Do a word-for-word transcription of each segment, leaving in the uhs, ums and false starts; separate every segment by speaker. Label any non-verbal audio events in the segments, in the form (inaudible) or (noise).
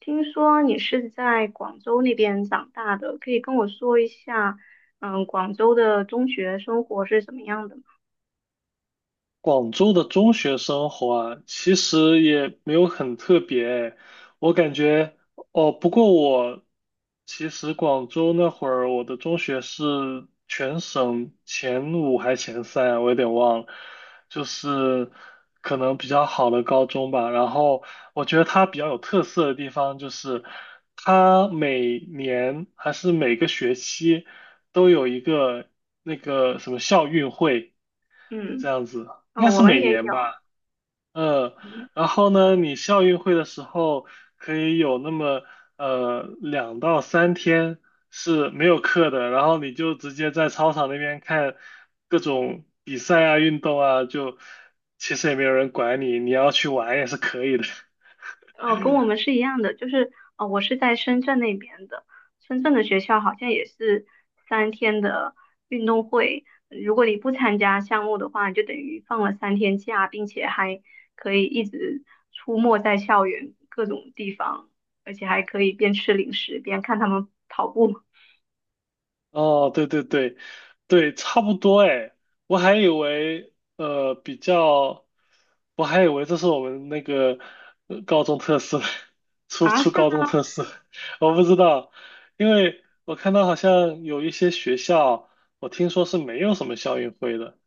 Speaker 1: 听说你是在广州那边长大的，可以跟我说一下，嗯，广州的中学生活是怎么样的吗？
Speaker 2: 广州的中学生活啊，其实也没有很特别诶，我感觉，哦，不过我其实广州那会儿，我的中学是全省前五还前三啊，我有点忘了，就是可能比较好的高中吧。然后我觉得它比较有特色的地方就是，它每年还是每个学期都有一个那个什么校运会。这
Speaker 1: 嗯，
Speaker 2: 样子，
Speaker 1: 哦，
Speaker 2: 应该
Speaker 1: 我
Speaker 2: 是
Speaker 1: 们
Speaker 2: 每
Speaker 1: 也
Speaker 2: 年
Speaker 1: 有，
Speaker 2: 吧。嗯，
Speaker 1: 嗯，
Speaker 2: 然后呢，你校运会的时候可以有那么呃两到三天是没有课的，然后你就直接在操场那边看各种比赛啊、运动啊，就其实也没有人管你，你要去玩也是可以的。(laughs)
Speaker 1: 哦，跟我们是一样的，就是哦，我是在深圳那边的，深圳的学校好像也是三天的运动会，如果你不参加项目的话，你就等于放了三天假，并且还可以一直出没在校园各种地方，而且还可以边吃零食边看他们跑步。
Speaker 2: 哦，对对对，对，差不多哎，我还以为呃比较，我还以为这是我们那个呃高中特色，(laughs) 初
Speaker 1: 啊，
Speaker 2: 初
Speaker 1: 是
Speaker 2: 高中
Speaker 1: 吗？
Speaker 2: 特色，(laughs) 我不知道，因为我看到好像有一些学校，我听说是没有什么校运会的，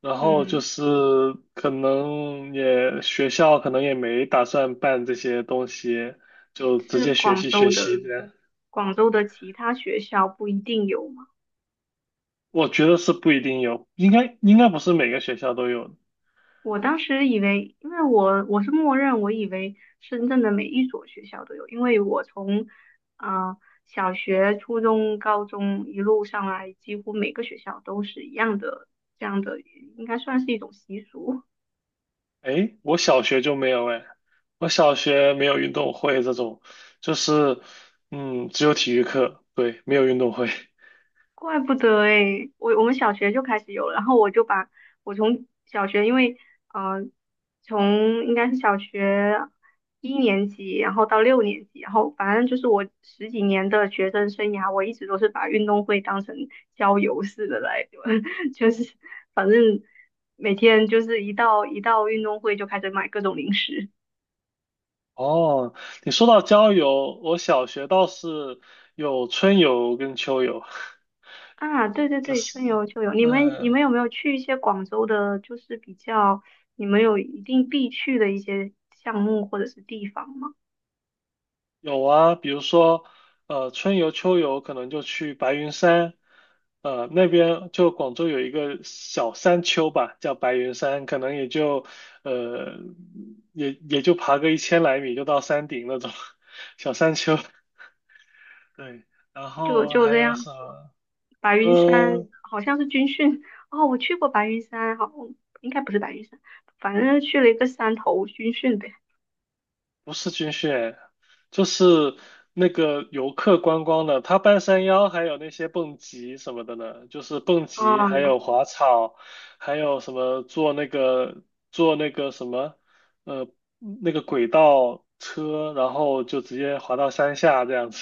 Speaker 2: 然后
Speaker 1: 嗯，
Speaker 2: 就是可能也学校可能也没打算办这些东西，就直
Speaker 1: 是
Speaker 2: 接学
Speaker 1: 广
Speaker 2: 习
Speaker 1: 州
Speaker 2: 学习
Speaker 1: 的，
Speaker 2: 的。
Speaker 1: 广州的其他学校不一定有吗？
Speaker 2: 我觉得是不一定有，应该应该不是每个学校都有的。
Speaker 1: 我当时以为，因为我我是默认，我以为深圳的每一所学校都有，因为我从啊、呃小学、初中、高中一路上来，几乎每个学校都是一样的，这样的应该算是一种习俗。
Speaker 2: 哎，我小学就没有哎，我小学没有运动会这种，就是嗯，只有体育课，对，没有运动会。
Speaker 1: 怪不得诶，我我们小学就开始有了，然后我就把我从小学，因为呃，从应该是小学一年级，然后到六年级，然后反正就是我十几年的学生生涯，我一直都是把运动会当成郊游似的来，(laughs) 就是反正每天就是一到一到运动会就开始买各种零食。
Speaker 2: 哦，你说到郊游，我小学倒是有春游跟秋游，
Speaker 1: 啊，对对
Speaker 2: 就
Speaker 1: 对，
Speaker 2: 是
Speaker 1: 春游秋游，你
Speaker 2: 嗯，
Speaker 1: 们你们
Speaker 2: 呃
Speaker 1: 有没有去一些广州的，就是比较你们有一定必去的一些项目或者是地方吗？
Speaker 2: 有啊，比如说，呃，春游、秋游可能就去白云山，呃，那边就广州有一个小山丘吧，叫白云山，可能也就，呃，也也就爬个一千来米就到山顶那种 (laughs) 小山丘。对，然
Speaker 1: 就
Speaker 2: 后
Speaker 1: 就
Speaker 2: 还
Speaker 1: 这
Speaker 2: 有
Speaker 1: 样，
Speaker 2: 什么？
Speaker 1: 白云山
Speaker 2: 嗯。
Speaker 1: 好像是军训哦，我去过白云山，好，应该不是白云山，反正去了一个山头军训呗。
Speaker 2: 不是军训，就是那个游客观光的，他半山腰还有那些蹦极什么的呢，就是蹦极，还
Speaker 1: 嗯，
Speaker 2: 有滑草，还有什么坐那个坐那个什么，呃，那个轨道车，然后就直接滑到山下这样子。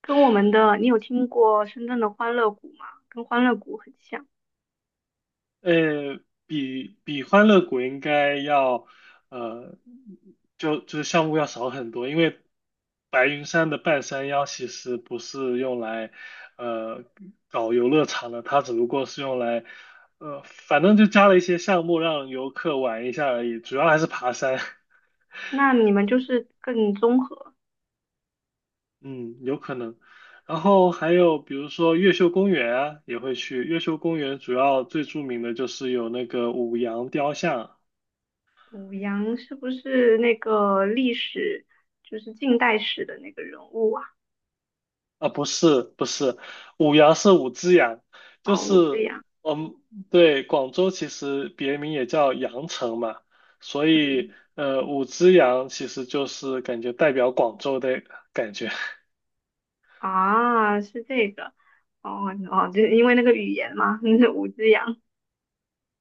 Speaker 1: 跟我们的，你有听过深圳的欢乐谷吗？跟欢乐谷很像，
Speaker 2: 呃，比比欢乐谷应该要，呃，就就是项目要少很多，因为白云山的半山腰其实不是用来，呃，搞游乐场的，它只不过是用来，呃，反正就加了一些项目让游客玩一下而已，主要还是爬山，(laughs)
Speaker 1: 那你们就是更综合。
Speaker 2: 嗯，有可能。然后还有比如说越秀公园啊，也会去。越秀公园主要最著名的就是有那个五羊雕像。
Speaker 1: 五羊是不是那个历史，就是近代史的那个人物啊？
Speaker 2: 啊，不是不是，五羊是五只羊，就
Speaker 1: 哦，武志
Speaker 2: 是
Speaker 1: 扬，
Speaker 2: 嗯，对，广州其实别名也叫羊城嘛，所以
Speaker 1: 嗯，
Speaker 2: 呃，五只羊其实就是感觉代表广州的感觉。(laughs)
Speaker 1: 啊，是这个，哦哦，就是因为那个语言嘛，(laughs) 是武志扬，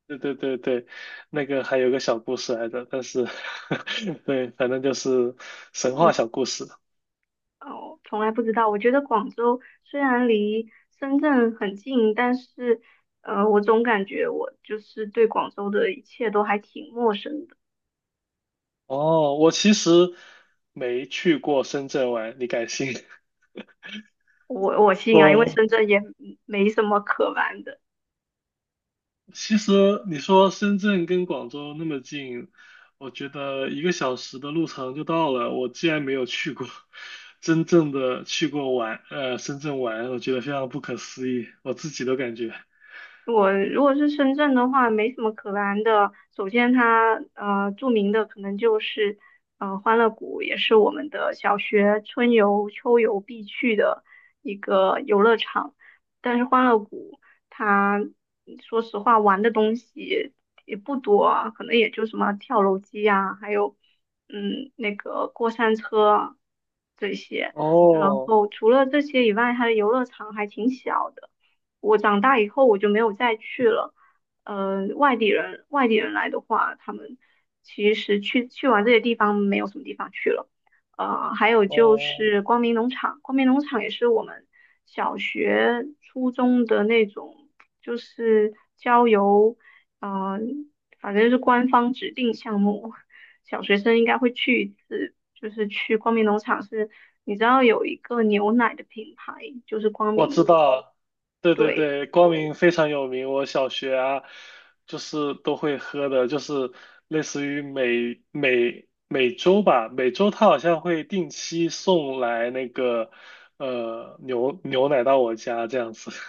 Speaker 2: 对对对对，那个还有个小故事来着，但是 (laughs) 对，反正就是神话
Speaker 1: 嗯，
Speaker 2: 小故事。
Speaker 1: 哦，从来不知道。我觉得广州虽然离深圳很近，但是，呃，我总感觉我就是对广州的一切都还挺陌生的。
Speaker 2: 哦，我其实没去过深圳玩，你敢信？
Speaker 1: 我我
Speaker 2: (laughs)
Speaker 1: 信啊，因为
Speaker 2: 哦。
Speaker 1: 深圳也没什么可玩的。
Speaker 2: 其实你说深圳跟广州那么近，我觉得一个小时的路程就到了。我既然没有去过，真正的去过玩，呃，深圳玩，我觉得非常不可思议，我自己都感觉。
Speaker 1: 我如果是深圳的话，没什么可玩的。首先它，呃著名的可能就是呃欢乐谷，也是我们的小学春游、秋游必去的一个游乐场。但是欢乐谷它说实话玩的东西也不多啊，可能也就什么跳楼机呀、还有嗯那个过山车啊这些。然
Speaker 2: 哦
Speaker 1: 后除了这些以外，它的游乐场还挺小的。我长大以后我就没有再去了。呃，外地人外地人来的话，他们其实去去完这些地方没有什么地方去了。呃，还有就
Speaker 2: 哦，
Speaker 1: 是光明农场，光明农场也是我们小学、初中的那种，就是郊游，嗯、反正是官方指定项目，小学生应该会去一次，就是去光明农场是，你知道有一个牛奶的品牌，就是光
Speaker 2: 我知
Speaker 1: 明，
Speaker 2: 道，对对
Speaker 1: 对，
Speaker 2: 对，光明非常有名。我小学啊，就是都会喝的，就是类似于每每每周吧，每周他好像会定期送来那个呃牛牛奶到我家这样子。(laughs)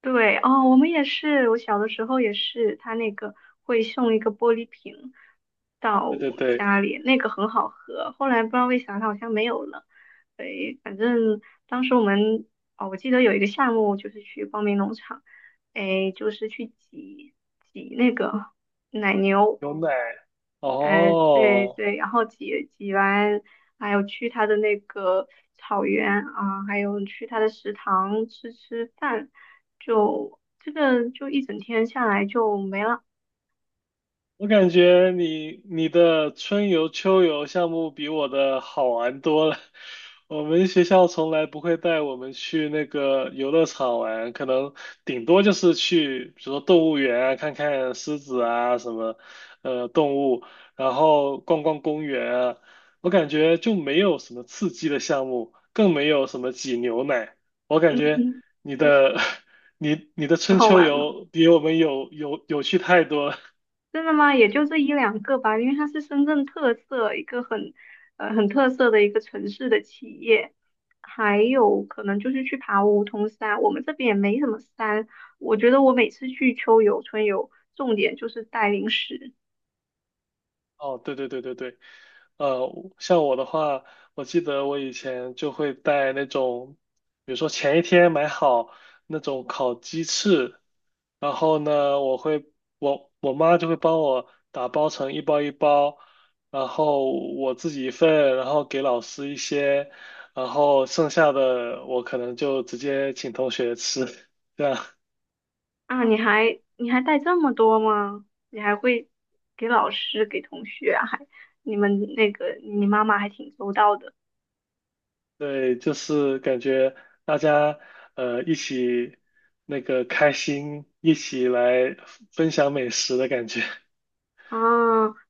Speaker 1: 对哦，我们也是，我小的时候也是，他那个会送一个玻璃瓶到
Speaker 2: 对对
Speaker 1: 我们
Speaker 2: 对，
Speaker 1: 家里，那个很好喝。后来不知道为啥，它好像没有了。对，反正当时我们哦，我记得有一个项目就是去光明农场，哎，就是去挤挤那个奶牛，
Speaker 2: 牛奶。
Speaker 1: 哎，对
Speaker 2: 哦，
Speaker 1: 对，然后挤挤完，还有去他的那个草原啊，还有去他的食堂吃吃饭，就这个就一整天下来就没了，
Speaker 2: 我感觉你你的春游、秋游项目比我的好玩多了。(laughs) 我们学校从来不会带我们去那个游乐场玩，可能顶多就是去，比如说动物园啊，看看狮子啊什么，呃，动物，然后逛逛公园啊。我感觉就没有什么刺激的项目，更没有什么挤牛奶。我
Speaker 1: (clears throat)
Speaker 2: 感觉
Speaker 1: 嗯，
Speaker 2: 你的 (laughs) 你你的
Speaker 1: (laughs) 很
Speaker 2: 春
Speaker 1: 好
Speaker 2: 秋
Speaker 1: 玩吗？
Speaker 2: 游比我们有有有趣太多了。
Speaker 1: 真的吗？也就这一两个吧，因为它是深圳特色一个很呃很特色的一个城市的企业，还有可能就是去爬梧桐山，我们这边也没什么山，我觉得我每次去秋游春游，重点就是带零食。
Speaker 2: 哦，对对对对对，呃，像我的话，我记得我以前就会带那种，比如说前一天买好那种烤鸡翅，然后呢，我会我我妈就会帮我打包成一包一包，然后我自己一份，然后给老师一些，然后剩下的我可能就直接请同学吃，(laughs) 这样。
Speaker 1: 啊，你还你还带这么多吗？你还会给老师、给同学啊还你们那个你妈妈还挺周到的
Speaker 2: 对，就是感觉大家呃一起那个开心，一起来分享美食的感觉。(laughs)
Speaker 1: 啊，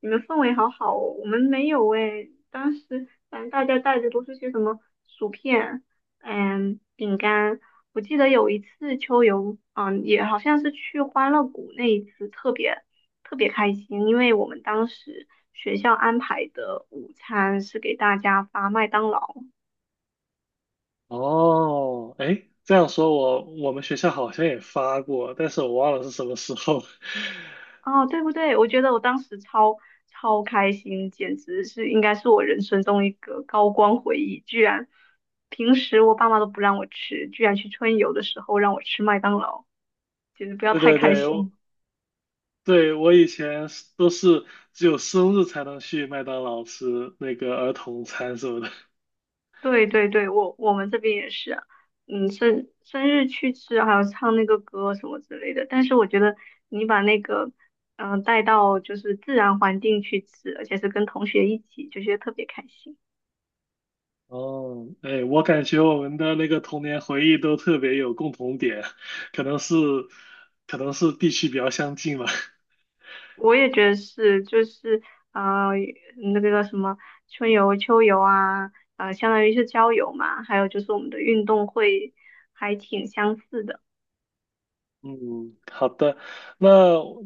Speaker 1: 你们氛围好好哦，我们没有诶，当时反正大家带的都是些什么薯片、嗯，饼干。我记得有一次秋游，嗯，也好像是去欢乐谷那一次，特别特别开心，因为我们当时学校安排的午餐是给大家发麦当劳。
Speaker 2: 哦，哎，这样说我我们学校好像也发过，但是我忘了是什么时候。(laughs)
Speaker 1: 哦，对不对？我觉得我当时超超开心，简直是应该是我人生中一个高光回忆。居然平时我爸妈都不让我吃，居然去春游的时候让我吃麦当劳，简直不要
Speaker 2: 对
Speaker 1: 太
Speaker 2: 对
Speaker 1: 开
Speaker 2: 对，我
Speaker 1: 心。
Speaker 2: 对我以前是都是只有生日才能去麦当劳吃那个儿童餐什么的。
Speaker 1: 对对对，我我们这边也是啊嗯，生生日去吃，还有唱那个歌什么之类的。但是我觉得你把那个嗯、呃带到就是自然环境去吃，而且是跟同学一起，就觉得特别开心。
Speaker 2: 哦，哎，我感觉我们的那个童年回忆都特别有共同点，可能是，可能是地区比较相近吧。(laughs)
Speaker 1: 我也觉得是，就是呃，那个叫什么春游、秋游啊，呃，相当于是郊游嘛，还有就是我们的运动会还挺相似的。
Speaker 2: 嗯，好的，那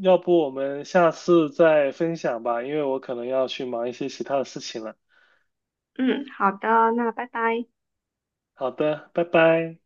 Speaker 2: 要不我们下次再分享吧，因为我可能要去忙一些其他的事情了。
Speaker 1: 嗯，好的，那拜拜。
Speaker 2: 好的，拜拜。